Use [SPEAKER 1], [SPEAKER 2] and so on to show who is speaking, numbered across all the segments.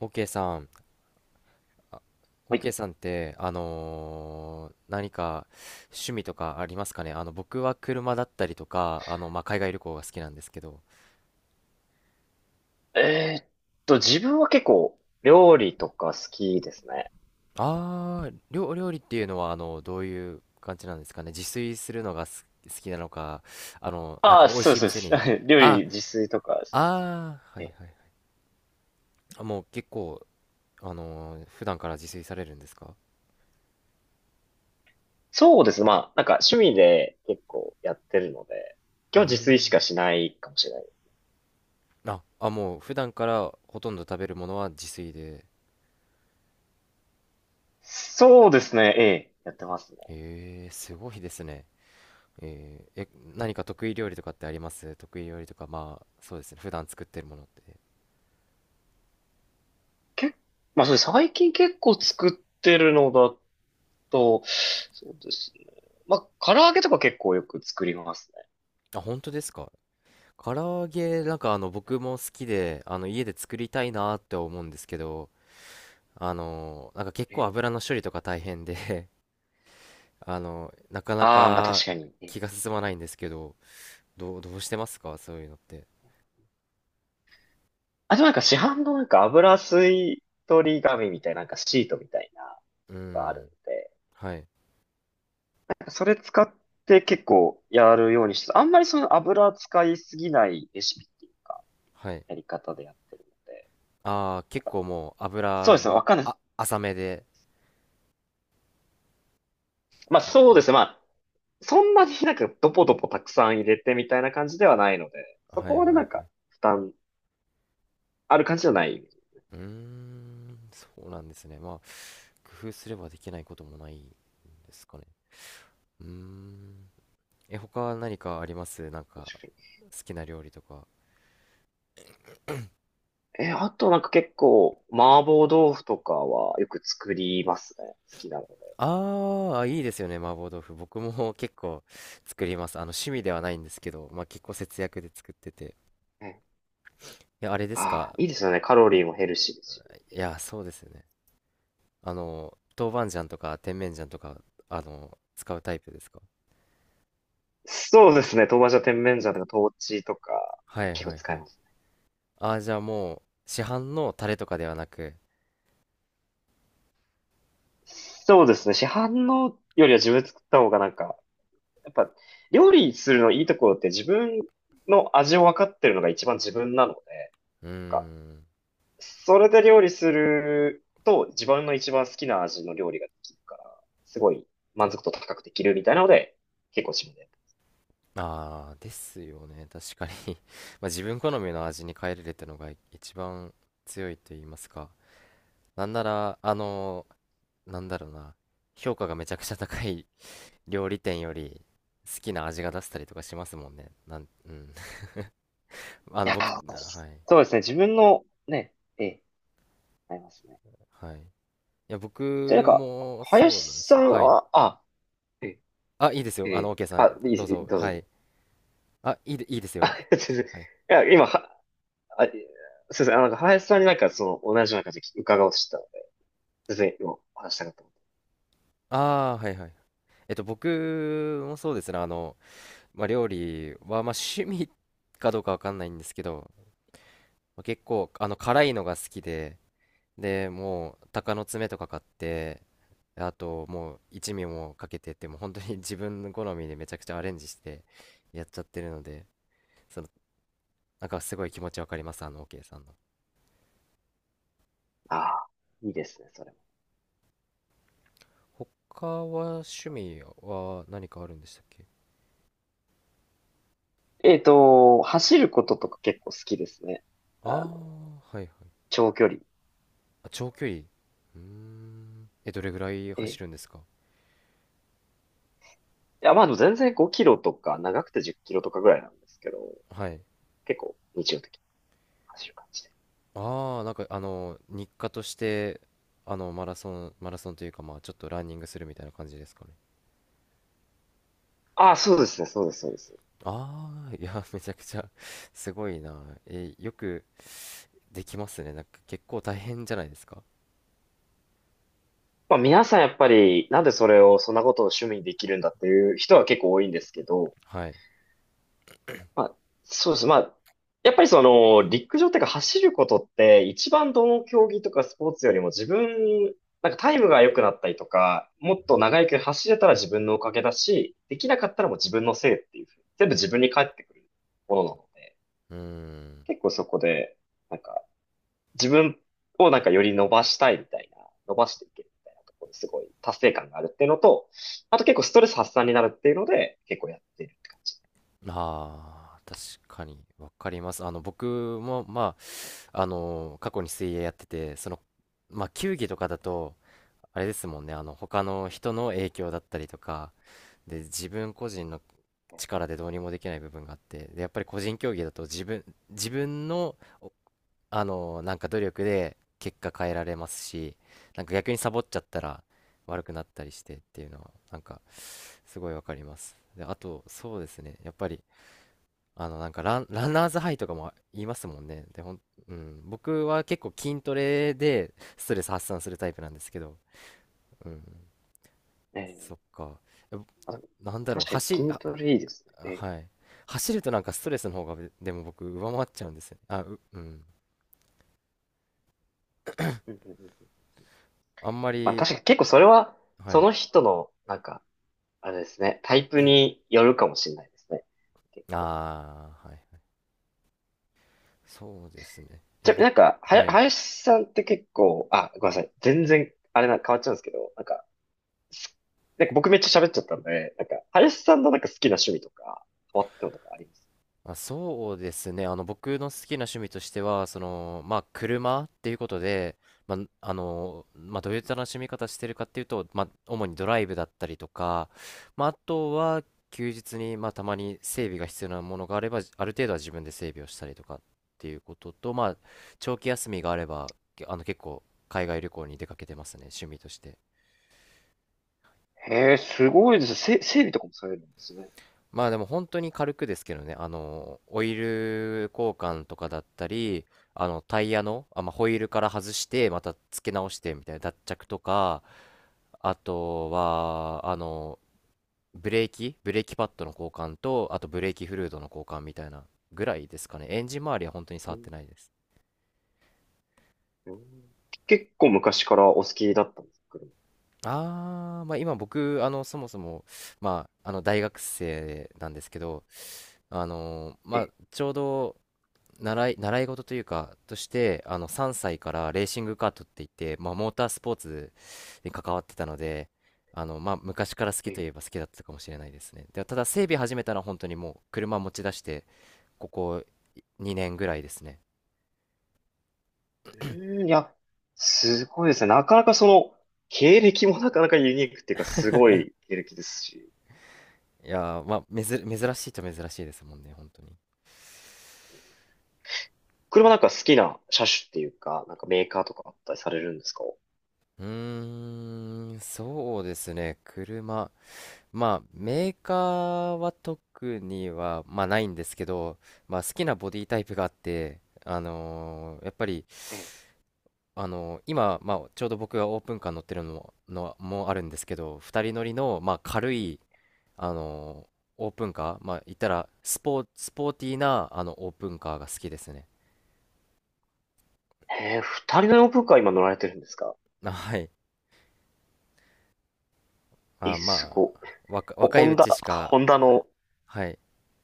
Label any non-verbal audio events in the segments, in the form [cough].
[SPEAKER 1] オーケさん、あオ
[SPEAKER 2] は
[SPEAKER 1] ー
[SPEAKER 2] い。
[SPEAKER 1] ケさんって、何か趣味とかありますかね。僕は車だったりとか、海外旅行が好きなんですけど。
[SPEAKER 2] えーっ自分は結構料理とか好きですね。
[SPEAKER 1] 料理っていうのは、どういう感じなんですかね。自炊するのが好きなのか、なん
[SPEAKER 2] あ
[SPEAKER 1] か
[SPEAKER 2] あ、
[SPEAKER 1] 美味
[SPEAKER 2] そう
[SPEAKER 1] しい
[SPEAKER 2] で
[SPEAKER 1] 店
[SPEAKER 2] す、そう
[SPEAKER 1] に。
[SPEAKER 2] です。[laughs] 料
[SPEAKER 1] あ、
[SPEAKER 2] 理自炊とかですね。
[SPEAKER 1] はい
[SPEAKER 2] え
[SPEAKER 1] はいはい。もう結構、普段から自炊されるんですか？
[SPEAKER 2] そうですね。まあ、なんか趣味で結構やってるので、
[SPEAKER 1] うー
[SPEAKER 2] 今日自炊しか
[SPEAKER 1] ん。
[SPEAKER 2] しないかもしれない。
[SPEAKER 1] もう普段からほとんど食べるものは自炊で。
[SPEAKER 2] そうですね。ええ、やってますね。
[SPEAKER 1] すごいですね。えー、え、何か得意料理とかってあります？得意料理とか、そうですね。普段作ってるものって。
[SPEAKER 2] 結まあ、それ最近結構作ってるのだと、そうですね。まあ、唐揚げとか結構よく作りますね。
[SPEAKER 1] 本当ですか？唐揚げ、なんか僕も好きで、家で作りたいなって思うんですけど、なんか結
[SPEAKER 2] え
[SPEAKER 1] 構
[SPEAKER 2] え。
[SPEAKER 1] 油の処理とか大変で、 [laughs] なかな
[SPEAKER 2] ああ、まあ確
[SPEAKER 1] か
[SPEAKER 2] かに。ええ。
[SPEAKER 1] 気が進まないんですけど、どうしてますかそういうのって？
[SPEAKER 2] あ、でもなんか市販のなんか油吸い取り紙みたいな、なんかシートみたいな
[SPEAKER 1] う
[SPEAKER 2] のがあるん
[SPEAKER 1] ん。
[SPEAKER 2] で、
[SPEAKER 1] はい。
[SPEAKER 2] なんかそれ使って結構やるようにして、あんまりその油使いすぎないレシピっていうか、
[SPEAKER 1] はい。
[SPEAKER 2] やり方でやってるので。
[SPEAKER 1] ああ、結構もう
[SPEAKER 2] そう
[SPEAKER 1] 油
[SPEAKER 2] ですね、わ
[SPEAKER 1] の、
[SPEAKER 2] かんない。
[SPEAKER 1] 浅めで。
[SPEAKER 2] まあ
[SPEAKER 1] はい
[SPEAKER 2] そうですね、まあ、そんなになんかドポドポたくさん入れてみたいな感じではないので、そ
[SPEAKER 1] は
[SPEAKER 2] こ
[SPEAKER 1] い
[SPEAKER 2] ま
[SPEAKER 1] は
[SPEAKER 2] でな
[SPEAKER 1] い
[SPEAKER 2] ん
[SPEAKER 1] は
[SPEAKER 2] か
[SPEAKER 1] い。
[SPEAKER 2] 負担ある感じじゃない。
[SPEAKER 1] うーん、そうなんですね。工夫すればできないこともないんですかね。うーん。他何かあります？なんか、
[SPEAKER 2] 確かに。
[SPEAKER 1] 好きな料理とか。
[SPEAKER 2] あとなんか結構麻婆豆腐とかはよく作りますね。好きなので。
[SPEAKER 1] ああ、いいですよね、麻婆豆腐。僕も [laughs] 結構作ります。趣味ではないんですけど、結構節約で作ってて。いや、あれです
[SPEAKER 2] ああ、
[SPEAKER 1] か？
[SPEAKER 2] いいですよね。カロリーもヘルシーですし。
[SPEAKER 1] いや、そうですよね。豆板醤とか甜麺醤とか、使うタイプですか？
[SPEAKER 2] そうですね。豆板醤、甜麺醤とか、豆豉とか。
[SPEAKER 1] はい
[SPEAKER 2] 結構
[SPEAKER 1] はい
[SPEAKER 2] 使
[SPEAKER 1] は
[SPEAKER 2] え
[SPEAKER 1] い。
[SPEAKER 2] ます。
[SPEAKER 1] ああ、じゃあもう、市販のタレとかではなく。
[SPEAKER 2] そうですね。市販のよりは自分で作った方がなんか、やっぱ、料理するのいいところって自分の味を分かってるのが一番自分なので、
[SPEAKER 1] うー
[SPEAKER 2] なんか、
[SPEAKER 1] ん。
[SPEAKER 2] それで料理すると自分の一番好きな味の料理ができるから、すごい満足度高くできるみたいなので、結構自分で。
[SPEAKER 1] ああ、ですよね。確かに。 [laughs] 自分好みの味に変えれるってのが一番強いと言いますか。なんなら、あのーなんだろうな。評価がめちゃくちゃ高い [laughs] 料理店より好きな味が出せたりとかしますもんね。うん。[laughs]
[SPEAKER 2] いや
[SPEAKER 1] 僕、
[SPEAKER 2] ー、
[SPEAKER 1] はい。
[SPEAKER 2] そうですね。自分のね、ええ、ありますね。
[SPEAKER 1] はい。いや、僕
[SPEAKER 2] じゃあなんか、
[SPEAKER 1] もそうなんで
[SPEAKER 2] 林
[SPEAKER 1] す
[SPEAKER 2] さ
[SPEAKER 1] よ。
[SPEAKER 2] ん
[SPEAKER 1] はい。
[SPEAKER 2] は、あ、ええ、
[SPEAKER 1] いいですよ。OK さん、
[SPEAKER 2] あ、いいで
[SPEAKER 1] どう
[SPEAKER 2] す、
[SPEAKER 1] ぞ。
[SPEAKER 2] どう
[SPEAKER 1] はい。
[SPEAKER 2] ぞ。
[SPEAKER 1] いいです
[SPEAKER 2] [laughs] あ、
[SPEAKER 1] よ。
[SPEAKER 2] 全然。い
[SPEAKER 1] はい。
[SPEAKER 2] や、今、は、あ、すいません、あ、なんか林さんになんかその、同じような感じで伺おうとしてたので、全然今、お話したかった。
[SPEAKER 1] ああ、はいはい。僕もそうですね。料理は、趣味かどうかわかんないんですけど、結構、辛いのが好きで、で、もう、鷹の爪とか買って、あと、もう、一味もかけてって、もう本当に [laughs] 自分の好みでめちゃくちゃアレンジしてやっちゃってるので、その、なんかすごい気持ちわかります、OK さんの。
[SPEAKER 2] ああ、いいですね、それも。
[SPEAKER 1] 他は趣味は何かあるんでしたっけ？
[SPEAKER 2] 走ることとか結構好きですね。
[SPEAKER 1] ああ
[SPEAKER 2] あの、
[SPEAKER 1] はいはい。
[SPEAKER 2] 長距離。
[SPEAKER 1] 長距離。うーん。どれぐらい
[SPEAKER 2] え
[SPEAKER 1] 走
[SPEAKER 2] え。
[SPEAKER 1] るんですか？
[SPEAKER 2] いや、まあでも全然5キロとか、長くて10キロとかぐらいなんですけど、
[SPEAKER 1] はい。
[SPEAKER 2] 結構日常的に走る感じで。
[SPEAKER 1] ああ、なんか日課として、マラソンというか、ちょっとランニングするみたいな感じですかね。
[SPEAKER 2] ああ、そうですね、そうです、そうです。
[SPEAKER 1] ああ、いや、めちゃくちゃ [laughs] すごいな。よくできますね。なんか結構大変じゃないですか？
[SPEAKER 2] まあ、皆さんやっぱり、なんでそれを、そんなことを趣味にできるんだっていう人は結構多いんですけど、
[SPEAKER 1] はい。
[SPEAKER 2] まあ、そうです。まあ、やっぱりその、陸上っていうか走ることって、一番どの競技とかスポーツよりも自分、なんかタイムが良くなったりとか、もっと長い距離走れたら自分のおかげだし、できなかったらもう自分のせいっていうふうに、全部自分に返ってくるものなので、
[SPEAKER 1] うーん。
[SPEAKER 2] 結構そこで、なんか自分をなんかより伸ばしたいみたいな、伸ばしていけるみたいなところですごい達成感があるっていうのと、あと結構ストレス発散になるっていうので、結構やってるって感じ。
[SPEAKER 1] ああ、確かに、わかります。僕も、過去に水泳やってて、その、球技とかだと、あれですもんね、他の人の影響だったりとか、で、自分個人の力でどうにもできない部分があって、でやっぱり個人競技だと自分のなんか努力で結果変えられますし、なんか逆にサボっちゃったら悪くなったりしてっていうのはなんかすごいわかります。で、あとそうですね、やっぱりなんかランナーズハイとかも言いますもんね。でうん、僕は結構筋トレでストレス発散するタイプなんですけど、うん、
[SPEAKER 2] え
[SPEAKER 1] そっ
[SPEAKER 2] え。
[SPEAKER 1] か。え
[SPEAKER 2] あ、
[SPEAKER 1] なんだろう
[SPEAKER 2] 確かに筋トレいいですね。ええ。
[SPEAKER 1] はい。走るとなんかストレスの方がでも僕上回っちゃうんですよね。うん。
[SPEAKER 2] うん、うん、うん、うん。
[SPEAKER 1] あんま
[SPEAKER 2] まあ
[SPEAKER 1] り、
[SPEAKER 2] 確かに結構それは、
[SPEAKER 1] は
[SPEAKER 2] そ
[SPEAKER 1] い。
[SPEAKER 2] の人の、なんか、あれですね、タイプによるかもしれないですね。結構。
[SPEAKER 1] ああ、はい。そうですね。
[SPEAKER 2] じゃ、
[SPEAKER 1] 僕、
[SPEAKER 2] なんか、
[SPEAKER 1] はい。
[SPEAKER 2] 林さんって結構、あ、ごめんなさい。全然、あれな、変わっちゃうんですけど、なんか、すなんか僕めっちゃ喋っちゃったんで、なんか、林さんのなんか好きな趣味とか、変わったのとかあります？
[SPEAKER 1] そうですね。僕の好きな趣味としては、その、車っていうことで、まあ、どういった楽しみ方してるかっていうと、主にドライブだったりとか、あとは、休日に、たまに整備が必要なものがあれば、ある程度は自分で整備をしたりとかっていうことと、長期休みがあれば、結構、海外旅行に出かけてますね、趣味として。
[SPEAKER 2] へえ、すごいですね。整備とかもされるんですね。
[SPEAKER 1] でも本当に軽くですけどね、オイル交換とかだったり、タイヤの、ホイールから外して、また付け直してみたいな脱着とか、あとは、ブレーキパッドの交換と、あとブレーキフルードの交換みたいなぐらいですかね。エンジン周りは本当に
[SPEAKER 2] う
[SPEAKER 1] 触っ
[SPEAKER 2] ん、
[SPEAKER 1] てないです。
[SPEAKER 2] うん。結構昔からお好きだったんですか、車？
[SPEAKER 1] 今僕、そもそも、大学生なんですけど、
[SPEAKER 2] え、
[SPEAKER 1] ちょうど、習い事というか、として、3歳からレーシングカートって言って、モータースポーツに関わってたので、昔から好きと
[SPEAKER 2] え、
[SPEAKER 1] いえば好きだったかもしれないですね。で、ただ、整備始めたのは本当にもう、車持ち出して、ここ2年ぐらいですね。
[SPEAKER 2] うん。いや、すごいですね。なかなかその、経歴もなかなかユニークっていうか、すごい経歴ですし。
[SPEAKER 1] いやー、まあ、めず、珍しいと珍しいですもんね、本当に。
[SPEAKER 2] 車、なんか好きな車種っていうか、なんかメーカーとかあったりされるんですか？
[SPEAKER 1] うーん、そうですね、車。メーカーは特には、ないんですけど、好きなボディタイプがあって、あのーやっぱり、
[SPEAKER 2] ええ。
[SPEAKER 1] あのー今、ちょうど僕がオープンカー乗ってるのも、のもあるんですけど、2人乗りの、軽い、あのーオープンカー、言ったらスポーティーな、オープンカーが好きですね。
[SPEAKER 2] へえ、二人のオープンカー今乗られてるんですか？
[SPEAKER 1] はい。あ、
[SPEAKER 2] す
[SPEAKER 1] ま
[SPEAKER 2] ごい。
[SPEAKER 1] あ、若
[SPEAKER 2] ホ
[SPEAKER 1] いう
[SPEAKER 2] ンダ、
[SPEAKER 1] ちしか、
[SPEAKER 2] ホンダの。
[SPEAKER 1] はい。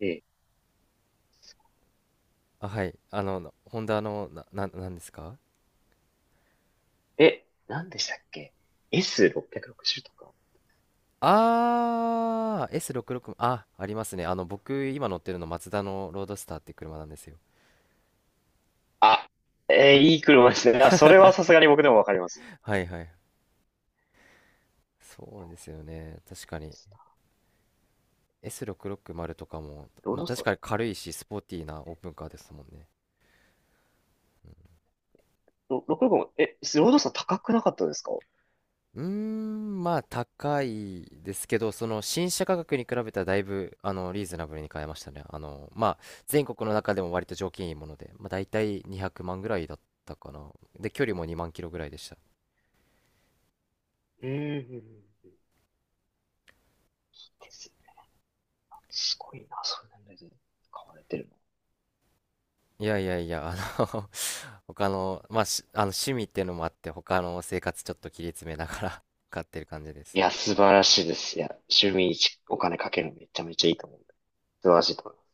[SPEAKER 2] え
[SPEAKER 1] はい。ホンダの、なんですか？
[SPEAKER 2] え、何でしたっけ？ S660 とか。
[SPEAKER 1] S66、ありますね。僕、今乗ってるの、マツダのロードスターって車なんですよ。
[SPEAKER 2] あ、いい車ですね。あ、それはさすがに僕でもわかります。
[SPEAKER 1] はいはい。そうですよね。確かに。S660 とかも、
[SPEAKER 2] ロードスタ
[SPEAKER 1] 確
[SPEAKER 2] ー、
[SPEAKER 1] かに軽いし、スポーティーなオープンカーですもんね。
[SPEAKER 2] 665、ロードスター高くなかったですか？
[SPEAKER 1] うーん、高いですけど、その新車価格に比べたらだいぶ、リーズナブルに買えましたね。全国の中でも割と条件いいもので、大体200万ぐらいだったかな。で、距離も2万キロぐらいでした。
[SPEAKER 2] うん、うん、うん。いいですね。すごいな、そんなので買われてるの。
[SPEAKER 1] いやいやいや、の [laughs] 他の、あの趣味っていうのもあって、他の生活ちょっと切り詰めながら [laughs] 買ってる感じで
[SPEAKER 2] い
[SPEAKER 1] す。
[SPEAKER 2] や、素晴らしいです。いや、趣味にお金かけるのめちゃめちゃいいと思う。素晴らしいと思います。